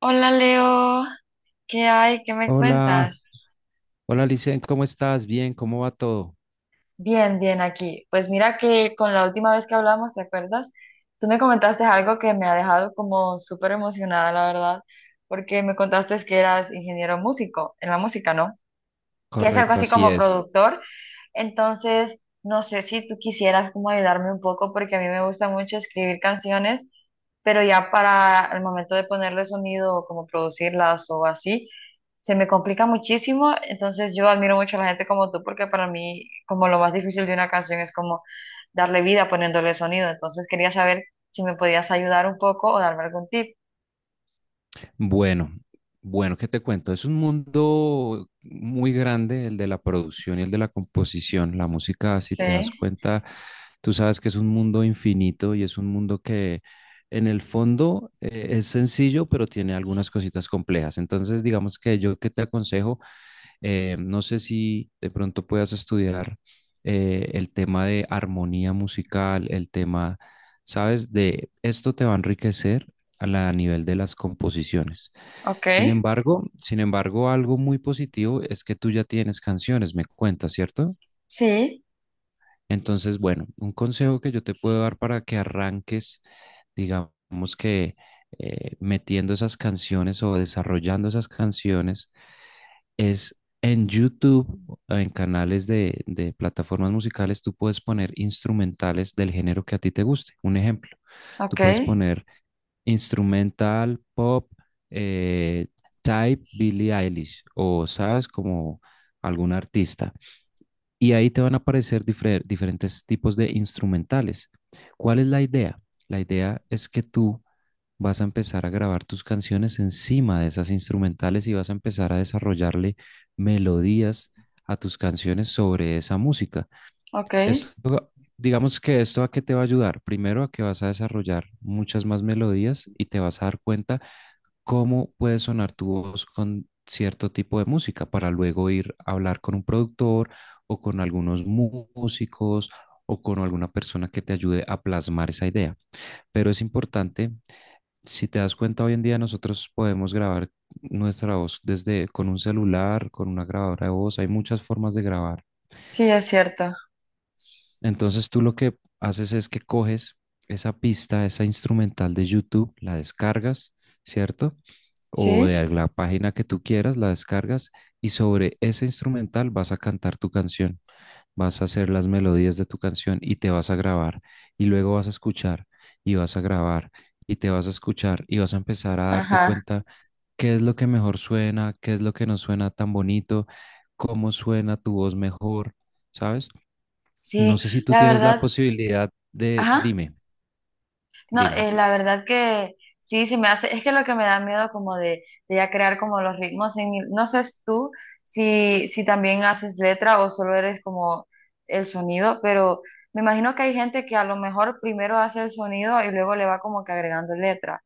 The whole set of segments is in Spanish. Hola Leo, ¿qué hay? ¿Qué me Hola, cuentas? hola Licen, ¿cómo estás? Bien, ¿cómo va todo? Bien, bien aquí. Pues mira que con la última vez que hablamos, ¿te acuerdas? Tú me comentaste algo que me ha dejado como súper emocionada, la verdad, porque me contaste que eras ingeniero músico en la música, ¿no? Que es algo Correcto, así así como es. productor. Entonces, no sé si tú quisieras como ayudarme un poco, porque a mí me gusta mucho escribir canciones, pero ya para el momento de ponerle sonido o como producirlas o así. Se me complica muchísimo, entonces yo admiro mucho a la gente como tú, porque para mí como lo más difícil de una canción es como darle vida poniéndole sonido, entonces quería saber si me podías ayudar un poco o darme algún tip. Bueno, bueno, ¿qué te cuento? Es un mundo muy grande el de la producción y el de la composición. La música, si te das Sí, cuenta, tú sabes que es un mundo infinito y es un mundo que en el fondo es sencillo, pero tiene algunas cositas complejas. Entonces, digamos que yo que te aconsejo. No sé si de pronto puedas estudiar el tema de armonía musical, el tema, ¿sabes? De esto te va a enriquecer a nivel de las composiciones. ok, Sin embargo, algo muy positivo es que tú ya tienes canciones, me cuentas, ¿cierto? sí, Entonces, bueno, un consejo que yo te puedo dar para que arranques, digamos que metiendo esas canciones o desarrollando esas canciones es en YouTube, en canales de plataformas musicales, tú puedes poner instrumentales del género que a ti te guste. Un ejemplo, tú ok, puedes poner instrumental, pop, eh, type Billie Eilish o, sabes, como algún artista y ahí te van a aparecer diferentes tipos de instrumentales. ¿Cuál es la idea? La idea es que tú vas a empezar a grabar tus canciones encima de esas instrumentales y vas a empezar a desarrollarle melodías a tus canciones sobre esa música. ok, Esto, digamos que esto a qué te va a ayudar. Primero a que vas a desarrollar muchas más melodías y te vas a dar cuenta cómo puede sonar tu voz con cierto tipo de música para luego ir a hablar con un productor o con algunos músicos o con alguna persona que te ayude a plasmar esa idea. Pero es importante, si te das cuenta, hoy en día nosotros podemos grabar nuestra voz desde con un celular, con una grabadora de voz, hay muchas formas de grabar. sí, es cierto, Entonces tú lo que haces es que coges esa pista, esa instrumental de YouTube, la descargas, ¿cierto? O sí, de la página que tú quieras, la descargas y sobre ese instrumental vas a cantar tu canción, vas a hacer las melodías de tu canción y te vas a grabar y luego vas a escuchar y vas a grabar y te vas a escuchar y vas a empezar a darte ajá, cuenta qué es lo que mejor suena, qué es lo que no suena tan bonito, cómo suena tu voz mejor, ¿sabes? sí, No sé si tú la tienes la verdad, posibilidad de, ajá. dime, No, dime. La verdad que sí, sí me hace, es que lo que me da miedo como de, ya crear como los ritmos, no sé si tú si también haces letra o solo eres como el sonido, pero me imagino que hay gente que a lo mejor primero hace el sonido y luego le va como que agregando letra,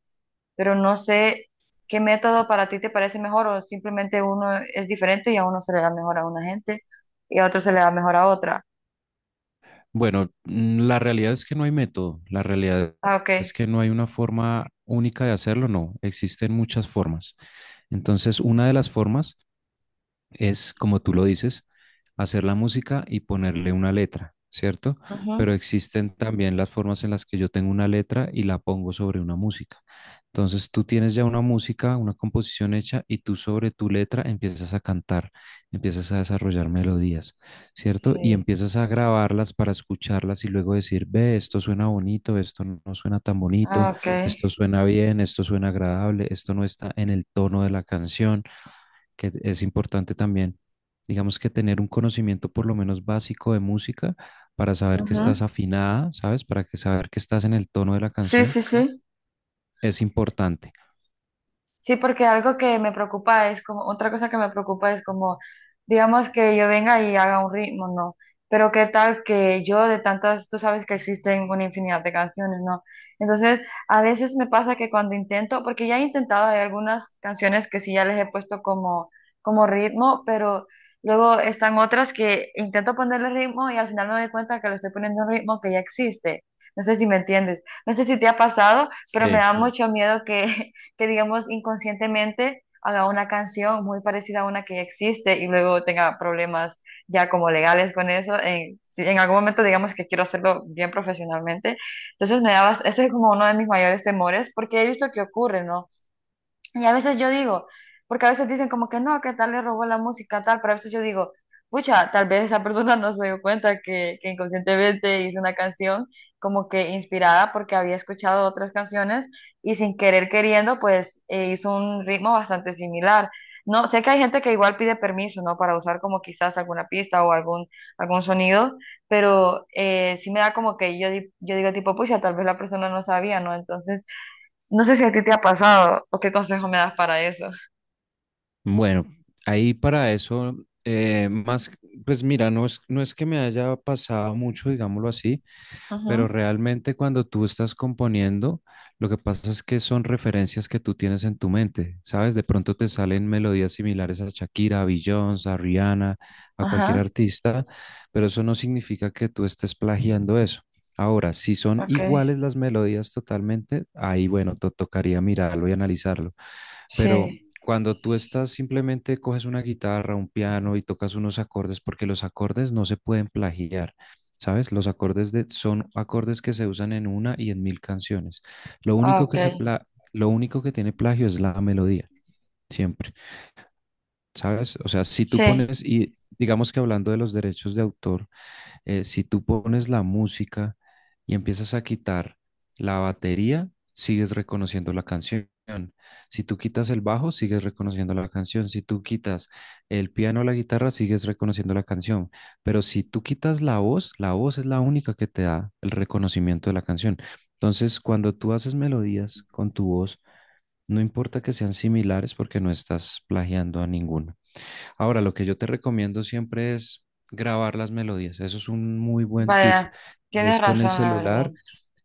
pero no sé qué método para ti te parece mejor o simplemente uno es diferente y a uno se le da mejor a una gente y a otro se le da mejor a otra. Bueno, la realidad es que no hay método, la realidad Ah, ok. es que no hay una forma única de hacerlo, no, existen muchas formas. Entonces, una de las formas es, como tú lo dices, hacer la música y ponerle una letra, ¿cierto? Ujú. Pero existen también las formas en las que yo tengo una letra y la pongo sobre una música. Entonces tú tienes ya una música, una composición hecha y tú sobre tu letra empiezas a cantar, empiezas a desarrollar melodías, ¿cierto? Y Sí. empiezas a grabarlas para escucharlas y luego decir, ve, esto suena bonito, esto no suena tan bonito, Ah, ok. esto suena bien, esto suena agradable, esto no está en el tono de la canción, que es importante también, digamos que tener un conocimiento por lo menos básico de música para saber que Ujú. estás afinada, ¿sabes? Para que saber que estás en el tono de la Sí, canción sí, sí. es importante. Sí, porque algo que me preocupa es como, otra cosa que me preocupa es como, digamos que yo venga y haga un ritmo, ¿no? Pero qué tal que yo de tantas, tú sabes que existen una infinidad de canciones, ¿no? Entonces, a veces me pasa que cuando intento, porque ya he intentado, hay algunas canciones que sí ya les he puesto como, ritmo, pero luego están otras que intento ponerle ritmo y al final me doy cuenta que le estoy poniendo un ritmo que ya existe. No sé si me entiendes. No sé si te ha pasado, pero me Sí, da mucho miedo que que digamos inconscientemente haga una canción muy parecida a una que ya existe y luego tenga problemas ya como legales con eso. Si en algún momento digamos que quiero hacerlo bien profesionalmente, entonces me daba, ese es como uno de mis mayores temores porque he visto que ocurre, ¿no? Y a veces yo digo, porque a veces dicen como que no, que tal le robó la música, tal, pero a veces yo digo, pucha, tal vez esa persona no se dio cuenta que, inconscientemente hizo una canción como que inspirada porque había escuchado otras canciones y sin querer queriendo, pues hizo un ritmo bastante similar. No, sé que hay gente que igual pide permiso, ¿no? Para usar como quizás alguna pista o algún sonido, pero sí me da como que yo, yo digo tipo, pucha, tal vez la persona no sabía, ¿no? Entonces... No sé si a ti te ha pasado o qué consejo me das para eso. bueno, ahí para eso, más, pues mira, no es que me haya pasado mucho, digámoslo así, pero Ujú, realmente cuando tú estás componiendo, lo que pasa es que son referencias que tú tienes en tu mente, ¿sabes? De pronto te salen melodías similares a Shakira, a Beyoncé, a Rihanna, a cualquier ajá, artista, pero eso no significa que tú estés plagiando eso. Ahora, si son ok. iguales las melodías totalmente, ahí bueno, te tocaría mirarlo y analizarlo. Pero Sí, cuando tú estás simplemente coges una guitarra, un piano y tocas unos acordes, porque los acordes no se pueden plagiar, ¿sabes? Los acordes de, son acordes que se usan en una y en mil canciones. Lo ah, único ok. que se pla- lo único que tiene plagio es la melodía, siempre, ¿sabes? O sea, si tú Sí, pones, y digamos que hablando de los derechos de autor, si tú pones la música y empiezas a quitar la batería, sigues reconociendo la canción. Si tú quitas el bajo, sigues reconociendo la canción. Si tú quitas el piano o la guitarra, sigues reconociendo la canción. Pero si tú quitas la voz es la única que te da el reconocimiento de la canción. Entonces, cuando tú haces melodías con tu voz, no importa que sean similares porque no estás plagiando a ninguno. Ahora, lo que yo te recomiendo siempre es grabar las melodías. Eso es un muy buen tip. vaya, Es tienes con el razón, la verdad. celular,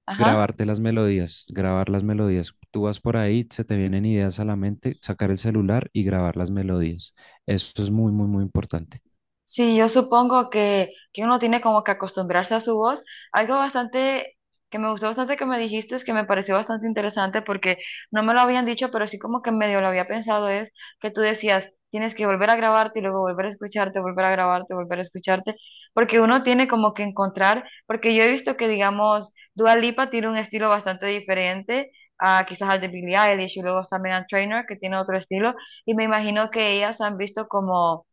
Ajá. grabarte las melodías, grabar las melodías. Tú vas por ahí, se te vienen ideas a la mente, sacar el celular y grabar las melodías. Eso es muy, muy, muy importante. Sí, yo supongo que uno tiene como que acostumbrarse a su voz. Algo bastante que me gustó bastante que me dijiste, es que me pareció bastante interesante porque no me lo habían dicho, pero sí como que medio lo había pensado, es que tú decías, tienes que volver a grabarte y luego volver a escucharte, volver a grabarte, volver a escucharte, porque uno tiene como que encontrar, porque yo he visto que, digamos, Dua Lipa tiene un estilo bastante diferente, a quizás al de Billie Eilish, y luego está Megan Trainor que tiene otro estilo y me imagino que ellas han visto como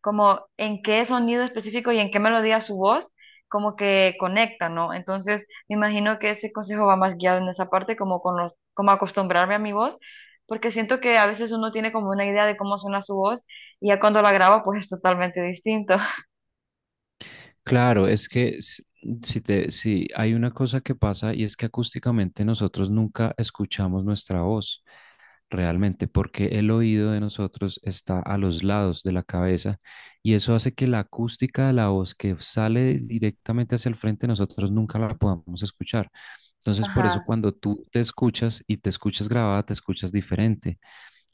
como en qué sonido específico y en qué melodía su voz, como que conecta, ¿no? Entonces, me imagino que ese consejo va más guiado en esa parte, como con los, como acostumbrarme a mi voz, porque siento que a veces uno tiene como una idea de cómo suena su voz y ya cuando la graba, pues es totalmente distinto. Claro, es que si hay una cosa que pasa y es que acústicamente nosotros nunca escuchamos nuestra voz. Realmente, porque el oído de nosotros está a los lados de la cabeza y eso hace que la acústica de la voz que sale directamente hacia el frente nosotros nunca la podamos escuchar. Entonces, por eso Ajá, cuando tú te escuchas y te escuchas grabada, te escuchas diferente,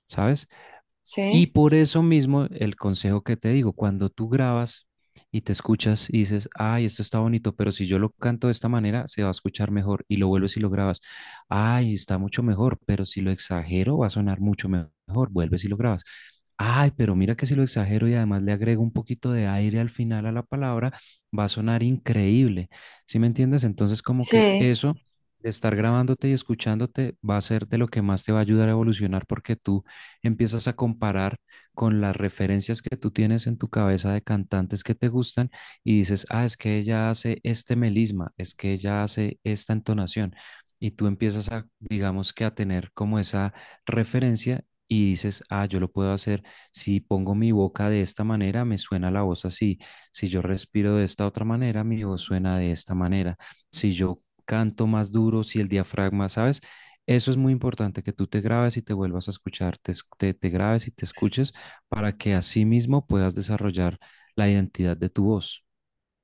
¿sabes? Y sí, por eso mismo el consejo que te digo, cuando tú grabas y te escuchas y dices, ay, esto está bonito, pero si yo lo canto de esta manera, se va a escuchar mejor, y lo vuelves y lo grabas, ay, está mucho mejor, pero si lo exagero, va a sonar mucho mejor, vuelves y lo grabas. Ay, pero mira que si lo exagero y además le agrego un poquito de aire al final a la palabra, va a sonar increíble. ¿Sí me entiendes? Entonces, como que sí. eso de estar grabándote y escuchándote va a ser de lo que más te va a ayudar a evolucionar, porque tú empiezas a comparar con las referencias que tú tienes en tu cabeza de cantantes que te gustan y dices, ah, es que ella hace este melisma, es que ella hace esta entonación. Y tú empiezas a, digamos que a tener como esa referencia y dices, ah, yo lo puedo hacer, si pongo mi boca de esta manera, me suena la voz así. Si yo respiro de esta otra manera, mi voz suena de esta manera. Si yo canto más duro, si el diafragma, ¿sabes? Eso es muy importante, que tú te grabes y te vuelvas a escuchar, te grabes y te escuches para que así mismo puedas desarrollar la identidad de tu voz.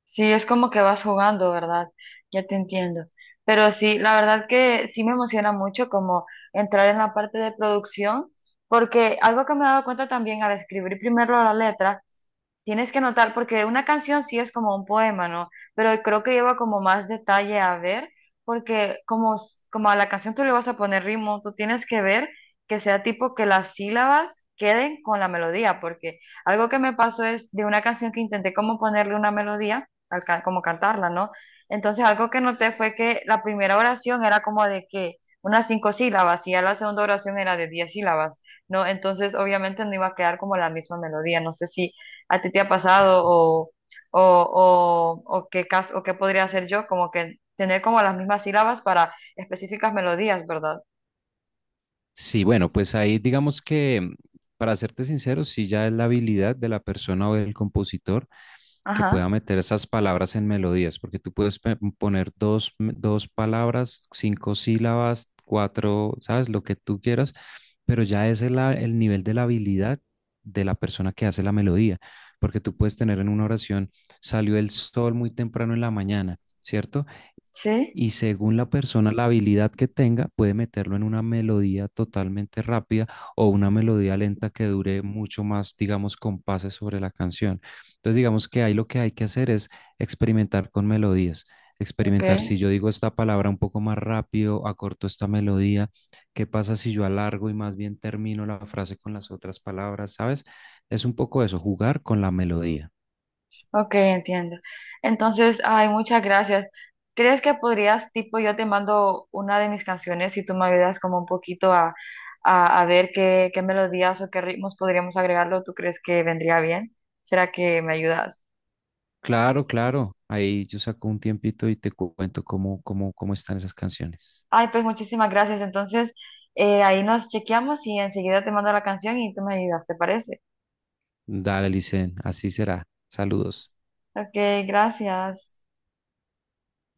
Sí, es como que vas jugando, ¿verdad? Ya te entiendo. Pero sí, la verdad que sí me emociona mucho como entrar en la parte de producción, porque algo que me he dado cuenta también al escribir primero la letra. Tienes que notar porque una canción sí es como un poema, ¿no? Pero creo que lleva como más detalle a ver, porque como a la canción tú le vas a poner ritmo, tú tienes que ver que sea tipo que las sílabas queden con la melodía, porque algo que me pasó es de una canción que intenté como ponerle una melodía, como cantarla, ¿no? Entonces algo que noté fue que la primera oración era como de que unas cinco sílabas y ya la segunda oración era de 10 sílabas, ¿no? Entonces obviamente no iba a quedar como la misma melodía, no sé si a ti te ha pasado o, o qué caso, o qué podría hacer yo, como que tener como las mismas sílabas para específicas melodías, ¿verdad? Sí, bueno, pues ahí digamos que, para serte sincero, sí ya es la habilidad de la persona o del compositor que Ajá, pueda meter esas palabras en melodías, porque tú puedes poner dos palabras, cinco sílabas, cuatro, ¿sabes? Lo que tú quieras, pero ya ese es el nivel de la habilidad de la persona que hace la melodía, porque tú puedes tener en una oración, salió el sol muy temprano en la mañana, ¿cierto? sí, Y según la persona, la habilidad que tenga, puede meterlo en una melodía totalmente rápida o una melodía lenta que dure mucho más, digamos, compases sobre la canción. Entonces, digamos que ahí lo que hay que hacer es experimentar con melodías. ok, Experimentar, si yo digo esta palabra un poco más rápido, acorto esta melodía, ¿qué pasa si yo alargo y más bien termino la frase con las otras palabras? ¿Sabes? Es un poco eso, jugar con la melodía. ok, entiendo. Entonces, ay, muchas gracias. ¿Crees que podrías, tipo, yo te mando una de mis canciones y tú me ayudas como un poquito a ver qué, melodías o qué ritmos podríamos agregarlo? ¿Tú crees que vendría bien? ¿Será que me ayudas? Claro, claro. Ahí yo saco un tiempito y te cuento cómo están esas canciones. Ay, pues muchísimas gracias. Entonces, ahí nos chequeamos y enseguida te mando la canción y tú me ayudas, ¿te parece? Dale, Licen, así será. Saludos. Ok, gracias.